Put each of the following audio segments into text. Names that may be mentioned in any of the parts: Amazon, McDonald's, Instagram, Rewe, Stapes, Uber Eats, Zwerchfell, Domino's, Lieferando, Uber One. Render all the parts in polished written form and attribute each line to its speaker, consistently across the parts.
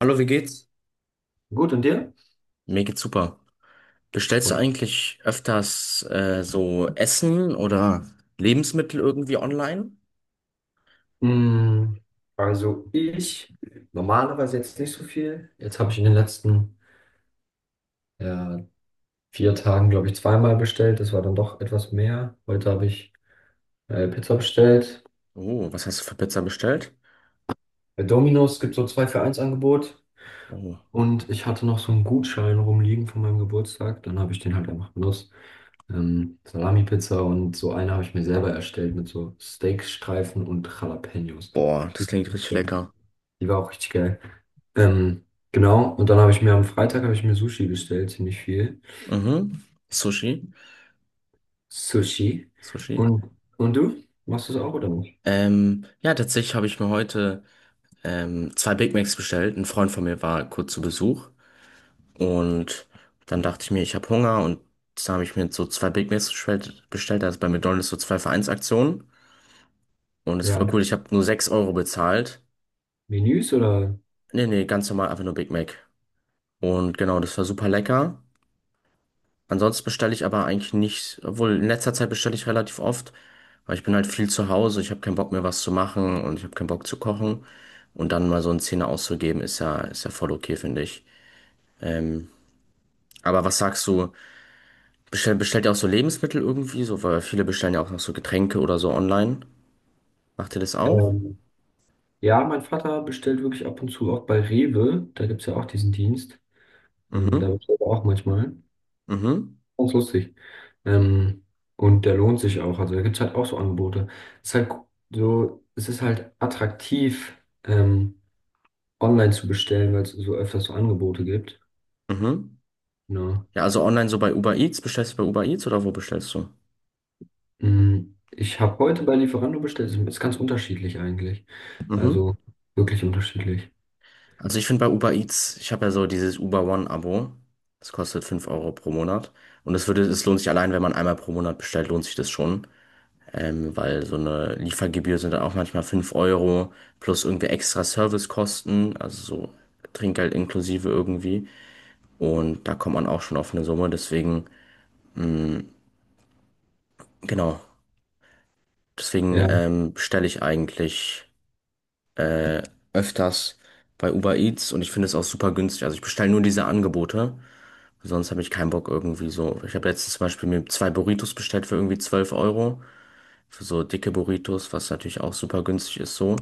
Speaker 1: Hallo, wie geht's?
Speaker 2: Gut, und dir?
Speaker 1: Mir geht's super.
Speaker 2: Das
Speaker 1: Bestellst du
Speaker 2: freut mich.
Speaker 1: eigentlich öfters so Essen oder Lebensmittel irgendwie online?
Speaker 2: Mm, Also ich normalerweise jetzt nicht so viel. Jetzt habe ich in den letzten äh, vier Tagen, glaube ich, zweimal bestellt. Das war dann doch etwas mehr. Heute habe ich Pizza bestellt.
Speaker 1: Oh, was hast du für Pizza bestellt?
Speaker 2: Bei Domino's gibt es so 2 für eins Angebot.
Speaker 1: Oh,
Speaker 2: Und ich hatte noch so einen Gutschein rumliegen von meinem Geburtstag. Dann habe ich den halt einfach benutzt. Salami-Pizza und so eine habe ich mir selber erstellt mit so Steakstreifen und Jalapenos.
Speaker 1: boah, das
Speaker 2: Die-
Speaker 1: klingt richtig lecker.
Speaker 2: Die war auch richtig geil. Ähm, genau, und dann habe ich mir am Freitag habe ich mir Sushi bestellt, ziemlich viel.
Speaker 1: Mhm. Sushi?
Speaker 2: Sushi.
Speaker 1: Sushi?
Speaker 2: Und, und du? Machst du es auch oder nicht?
Speaker 1: Ja, tatsächlich habe ich mir heute zwei Big Macs bestellt. Ein Freund von mir war kurz zu Besuch und dann dachte ich mir, ich habe Hunger und dann habe ich mir so zwei Big Macs bestellt. Also bei McDonald's so zwei für eins Vereinsaktionen und das ist
Speaker 2: Ja.
Speaker 1: voll cool. Ich habe nur 6 Euro bezahlt.
Speaker 2: Menüs oder?
Speaker 1: Nee, nee, ganz normal, einfach nur Big Mac. Und genau, das war super lecker. Ansonsten bestelle ich aber eigentlich nicht, obwohl in letzter Zeit bestelle ich relativ oft, weil ich bin halt viel zu Hause, ich habe keinen Bock mehr was zu machen und ich habe keinen Bock zu kochen. Und dann mal so einen Zehner auszugeben, ist ja voll okay, finde ich. Ähm, aber was sagst du? Bestellt ihr auch so Lebensmittel irgendwie? So, weil viele bestellen ja auch noch so Getränke oder so online. Macht ihr das auch?
Speaker 2: Ähm, ja, mein Vater bestellt wirklich ab und zu auch bei Rewe. Da gibt es ja auch diesen Dienst. Da
Speaker 1: Mhm,
Speaker 2: bestellt er auch manchmal.
Speaker 1: mhm,
Speaker 2: Ganz lustig. Ähm, und der lohnt sich auch. Also da gibt es halt auch so Angebote. Es ist halt es ist halt attraktiv, ähm, online zu bestellen, weil es so öfters so Angebote gibt.
Speaker 1: mhm.
Speaker 2: Ja.
Speaker 1: Ja, also online so bei Uber Eats. Bestellst du bei Uber Eats oder wo bestellst du?
Speaker 2: Ich habe heute bei Lieferando bestellt. Ist ganz unterschiedlich eigentlich.
Speaker 1: Mhm.
Speaker 2: Also wirklich unterschiedlich.
Speaker 1: Also ich finde bei Uber Eats, ich habe ja so dieses Uber One-Abo. Das kostet 5 Euro pro Monat. Und es lohnt sich allein, wenn man einmal pro Monat bestellt, lohnt sich das schon. Weil so eine Liefergebühr sind dann auch manchmal 5 Euro plus irgendwie extra Servicekosten, also so Trinkgeld inklusive irgendwie. Und da kommt man auch schon auf eine Summe. Deswegen, genau, deswegen
Speaker 2: Ja.
Speaker 1: bestelle ich eigentlich äh, öfters bei Uber Eats und ich finde es auch super günstig. Also ich bestelle nur diese Angebote. Sonst habe ich keinen Bock irgendwie so. Ich habe letztens zum Beispiel mir zwei Burritos bestellt für irgendwie 12 Euro. Für so dicke Burritos, was natürlich auch super günstig ist so.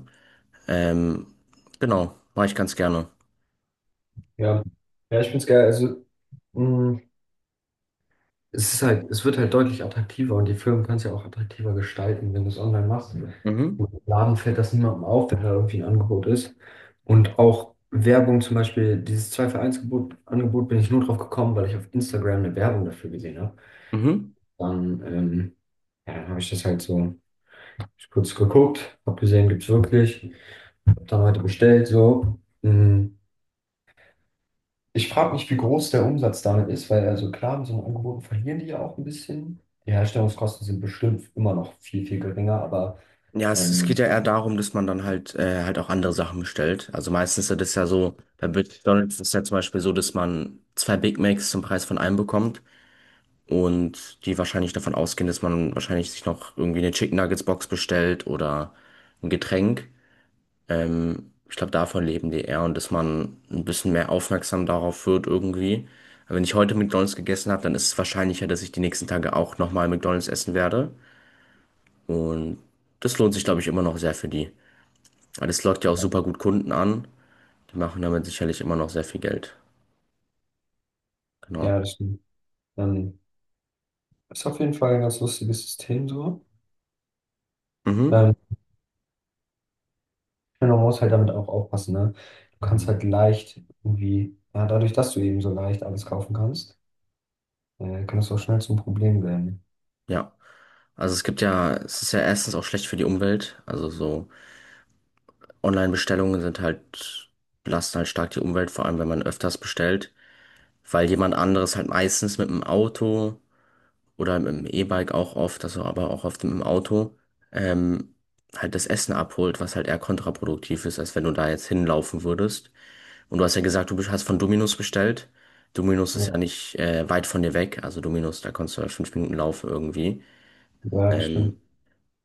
Speaker 1: Ähm, genau, mache ich ganz gerne.
Speaker 2: Ja. Ja, ich finde es geil. Also mm, es ist halt, es wird halt deutlich attraktiver, und die Firmen können es ja auch attraktiver gestalten, wenn du es online machst.
Speaker 1: Mhm.
Speaker 2: Im Laden fällt das niemandem auf, wenn da irgendwie ein Angebot ist. Und auch Werbung zum Beispiel, dieses 2 für eins Gebot, Angebot, bin ich nur drauf gekommen, weil ich auf Instagram eine Werbung dafür gesehen habe.
Speaker 1: Mhm.
Speaker 2: Dann, ähm, ja, dann habe ich das halt so. Ich kurz geguckt, hab gesehen, gibt's wirklich. Hab dann heute bestellt, so. Mm. Ich frage mich, wie groß der Umsatz damit ist, weil, also klar, mit so einem Angebot verlieren die ja auch ein bisschen. Die Herstellungskosten sind bestimmt immer noch viel, viel geringer, aber
Speaker 1: Ja, es geht ja
Speaker 2: ähm,
Speaker 1: eher darum, dass man dann halt halt auch andere Sachen bestellt. Also meistens ist das ja so, bei McDonald's ist es ja zum Beispiel so, dass man zwei Big Macs zum Preis von einem bekommt und die wahrscheinlich davon ausgehen, dass man wahrscheinlich sich noch irgendwie eine Chicken Nuggets Box bestellt oder ein Getränk. Ich glaube, davon leben die eher und dass man ein bisschen mehr aufmerksam darauf wird irgendwie. Aber wenn ich heute McDonald's gegessen habe, dann ist es wahrscheinlicher, dass ich die nächsten Tage auch nochmal McDonald's essen werde. Und das lohnt sich, glaube ich, immer noch sehr für die. Weil das lockt ja auch super gut Kunden an. Die machen damit sicherlich immer noch sehr viel Geld. Genau.
Speaker 2: ja, das stimmt. Ähm, Ist auf jeden Fall ein ganz lustiges System so.
Speaker 1: Mhm.
Speaker 2: Ähm, Man muss halt damit auch aufpassen, ne? Du kannst halt leicht, irgendwie, ja, dadurch, dass du eben so leicht alles kaufen kannst, kann das auch schnell zum Problem werden.
Speaker 1: Ja. Also es gibt ja, es ist ja erstens auch schlecht für die Umwelt. Also so Online-Bestellungen sind halt, belasten halt stark die Umwelt, vor allem wenn man öfters bestellt. Weil jemand anderes halt meistens mit dem Auto oder mit dem E-Bike auch oft, also aber auch oft mit dem Auto, ähm, halt das Essen abholt, was halt eher kontraproduktiv ist, als wenn du da jetzt hinlaufen würdest. Und du hast ja gesagt, du hast von Domino's bestellt. Domino's ist
Speaker 2: Ja,
Speaker 1: ja nicht weit von dir weg, also Domino's, da kannst du halt 5 Minuten laufen irgendwie.
Speaker 2: ja, das
Speaker 1: Ähm,
Speaker 2: stimmt.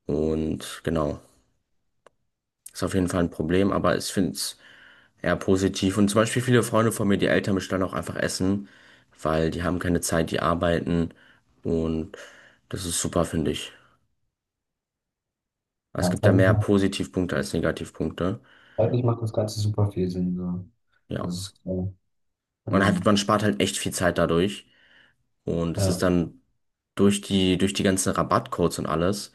Speaker 1: und genau, ist auf jeden Fall ein Problem, aber ich finde es eher positiv. Und zum Beispiel viele Freunde von mir, die Eltern bestellen auch einfach Essen, weil die haben keine Zeit, die arbeiten. Und das ist super, finde ich. Es
Speaker 2: Ja,
Speaker 1: gibt da
Speaker 2: zeig ich
Speaker 1: mehr
Speaker 2: mal.
Speaker 1: Positivpunkte als Negativpunkte.
Speaker 2: Zeitlich macht das Ganze super viel Sinn. So.
Speaker 1: Ja.
Speaker 2: Das ist klar.
Speaker 1: Man hat,
Speaker 2: Ähm,
Speaker 1: man spart halt echt viel Zeit dadurch. Und es ist
Speaker 2: ja,
Speaker 1: dann durch die ganzen Rabattcodes und alles,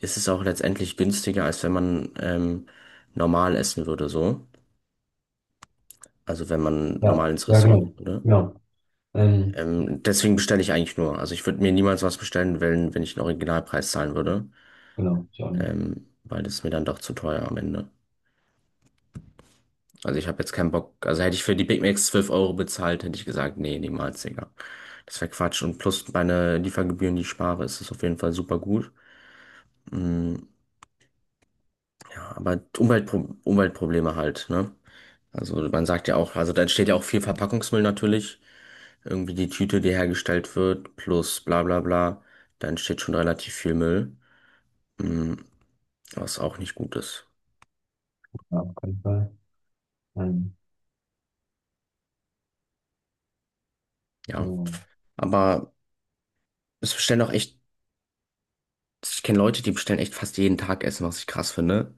Speaker 1: ist es auch letztendlich günstiger, als wenn man normal essen würde, so. Also wenn man
Speaker 2: ja,
Speaker 1: normal ins
Speaker 2: ja, genau.
Speaker 1: Restaurant geht,
Speaker 2: Ja, Ähm,
Speaker 1: Deswegen bestelle ich eigentlich nur. Also ich würde mir niemals was bestellen, wenn ich den Originalpreis zahlen würde.
Speaker 2: genau, ich auch nicht.
Speaker 1: Weil das ist mir dann doch zu teuer am Ende. Also ich habe jetzt keinen Bock. Also hätte ich für die Big Macs 12 Euro bezahlt, hätte ich gesagt, nee, niemals, Digga. Das wäre Quatsch. Und plus meine Liefergebühren, die ich spare, ist es auf jeden Fall super gut. Mm, ja, aber Umweltprobleme halt, ne? Also man sagt ja auch, also da entsteht ja auch viel Verpackungsmüll natürlich. Irgendwie die Tüte, die hergestellt wird, plus bla bla bla. Da entsteht schon relativ viel Müll. Mm, was auch nicht gut ist.
Speaker 2: Ja, auf keinen Fall. Ähm,
Speaker 1: Ja.
Speaker 2: so.
Speaker 1: Aber es bestellen auch echt, ich kenne Leute, die bestellen echt fast jeden Tag Essen, was ich krass finde.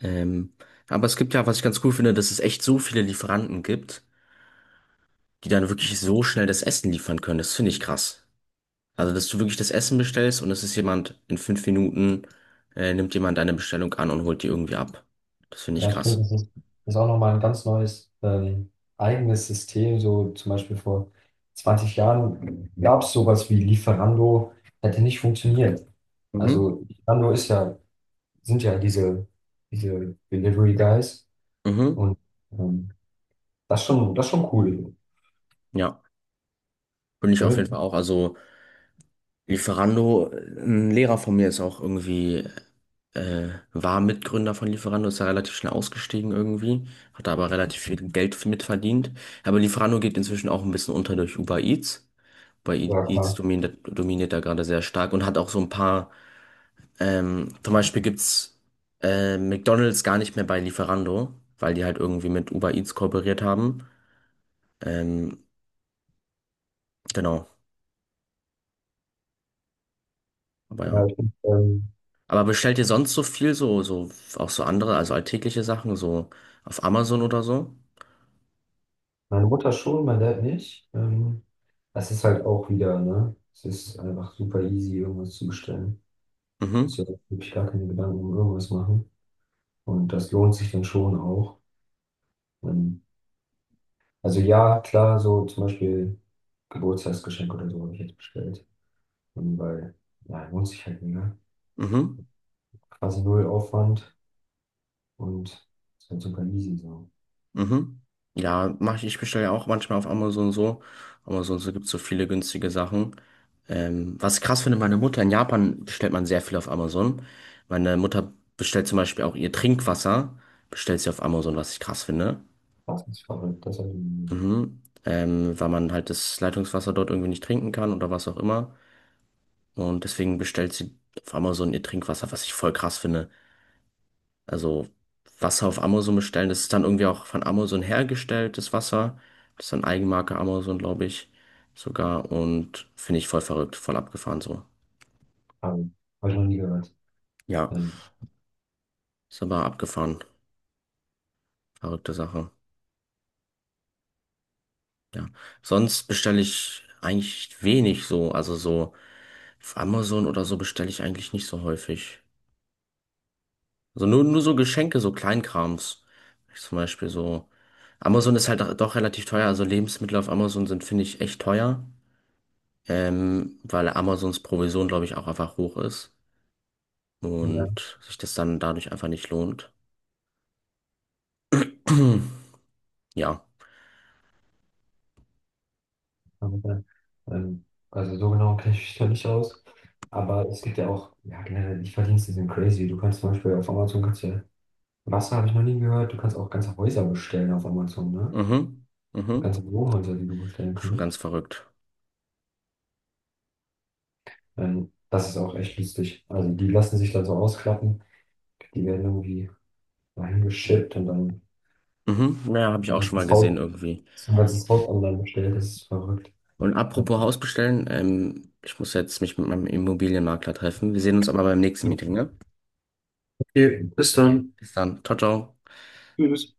Speaker 1: Ähm, aber es gibt ja, was ich ganz cool finde, dass es echt so viele Lieferanten gibt, die dann wirklich so schnell das Essen liefern können. Das finde ich krass. Also, dass du wirklich das Essen bestellst und es ist jemand in 5 Minuten, nimmt jemand deine Bestellung an und holt die irgendwie ab. Das finde ich
Speaker 2: Ja, stimmt,
Speaker 1: krass.
Speaker 2: das ist auch nochmal ein ganz neues, eigenes System. So zum Beispiel, vor 20 Jahren gab es sowas wie Lieferando, hätte nicht funktioniert.
Speaker 1: Mhm.
Speaker 2: Also Lieferando sind ja diese Delivery Guys
Speaker 1: Mhm.
Speaker 2: und, ähm, das ist schon cool.
Speaker 1: Ja. Bin ich auf jeden Fall auch. Also, Lieferando, ein Lehrer von mir ist auch irgendwie. War Mitgründer von Lieferando, ist ja relativ schnell ausgestiegen irgendwie, hat da aber relativ viel Geld mit verdient. Aber Lieferando geht inzwischen auch ein bisschen unter durch Uber Eats. Uber
Speaker 2: Ja,
Speaker 1: Eats
Speaker 2: klar.
Speaker 1: dominiert da gerade sehr stark und hat auch so ein paar, zum Beispiel gibt's McDonald's gar nicht mehr bei Lieferando, weil die halt irgendwie mit Uber Eats kooperiert haben. Ähm, genau, aber
Speaker 2: Ja,
Speaker 1: ja.
Speaker 2: ähm,
Speaker 1: Aber bestellt ihr sonst so viel, auch so andere, also alltägliche Sachen, so auf Amazon oder so?
Speaker 2: meine Mutter schon, mein Dad nicht. Das ist halt auch wieder, ne? Es ist einfach super easy, irgendwas zu bestellen. Muss
Speaker 1: Mhm,
Speaker 2: ja wirklich gar keine Gedanken um irgendwas machen. Und das lohnt sich dann schon auch. Ähm, also ja, klar, so zum Beispiel Geburtstagsgeschenk oder so habe ich jetzt bestellt. Weil, ja, lohnt sich halt mega.
Speaker 1: mhm.
Speaker 2: Quasi null Aufwand und ist halt super easy so.
Speaker 1: Mhm. Ja, mach ich, ich bestelle ja auch manchmal auf Amazon so. Amazon so gibt's so viele günstige Sachen. Was ich krass finde, meine Mutter in Japan bestellt man sehr viel auf Amazon. Meine Mutter bestellt zum Beispiel auch ihr Trinkwasser, bestellt sie auf Amazon, was ich krass finde.
Speaker 2: Das ist verrückt, das habe ich,
Speaker 1: Mhm. Weil man halt das Leitungswasser dort irgendwie nicht trinken kann oder was auch immer. Und deswegen bestellt sie auf Amazon ihr Trinkwasser, was ich voll krass finde. Also Wasser auf Amazon bestellen. Das ist dann irgendwie auch von Amazon hergestelltes Wasser. Das ist dann Eigenmarke Amazon, glaube ich, sogar. Und finde ich voll verrückt, voll abgefahren so.
Speaker 2: hab ich noch nie gehört.
Speaker 1: Ja,
Speaker 2: Ähm,
Speaker 1: ist aber abgefahren. Verrückte Sache. Ja. Sonst bestelle ich eigentlich wenig so. Also so auf Amazon oder so bestelle ich eigentlich nicht so häufig. Also nur so Geschenke, so Kleinkrams. Zum Beispiel so. Amazon ist halt doch relativ teuer. Also Lebensmittel auf Amazon sind, finde ich, echt teuer. Weil Amazons Provision, glaube ich, auch einfach hoch ist
Speaker 2: ja.
Speaker 1: und sich das dann dadurch einfach nicht lohnt. Ja.
Speaker 2: Aber, ähm, also so genau kenne ich mich da nicht aus. Aber es gibt ja auch, ja, generell, die Verdienste sind crazy. Du kannst zum Beispiel auf Amazon, kannst ja, Wasser habe ich noch nie gehört, du kannst auch ganze Häuser bestellen auf Amazon, ne?
Speaker 1: Mhm. Mhm.
Speaker 2: Ganze Wohnhäuser, die du bestellen
Speaker 1: Schon
Speaker 2: kannst.
Speaker 1: ganz verrückt.
Speaker 2: Das ist auch echt lustig. Also die lassen sich dann so ausklappen, die werden irgendwie dahin geschippt und dann
Speaker 1: Mhm. Ja, habe ich
Speaker 2: ein
Speaker 1: auch schon mal
Speaker 2: ganzes
Speaker 1: gesehen
Speaker 2: Haus,
Speaker 1: irgendwie.
Speaker 2: ein ganzes Haus online bestellt, das ist verrückt.
Speaker 1: Und
Speaker 2: Ja.
Speaker 1: apropos Haus bestellen, ich muss jetzt mich mit meinem Immobilienmakler treffen. Wir sehen uns aber beim nächsten Meeting, ne?
Speaker 2: Okay, bis
Speaker 1: Okay.
Speaker 2: dann.
Speaker 1: Bis dann. Ciao, ciao.
Speaker 2: Tschüss.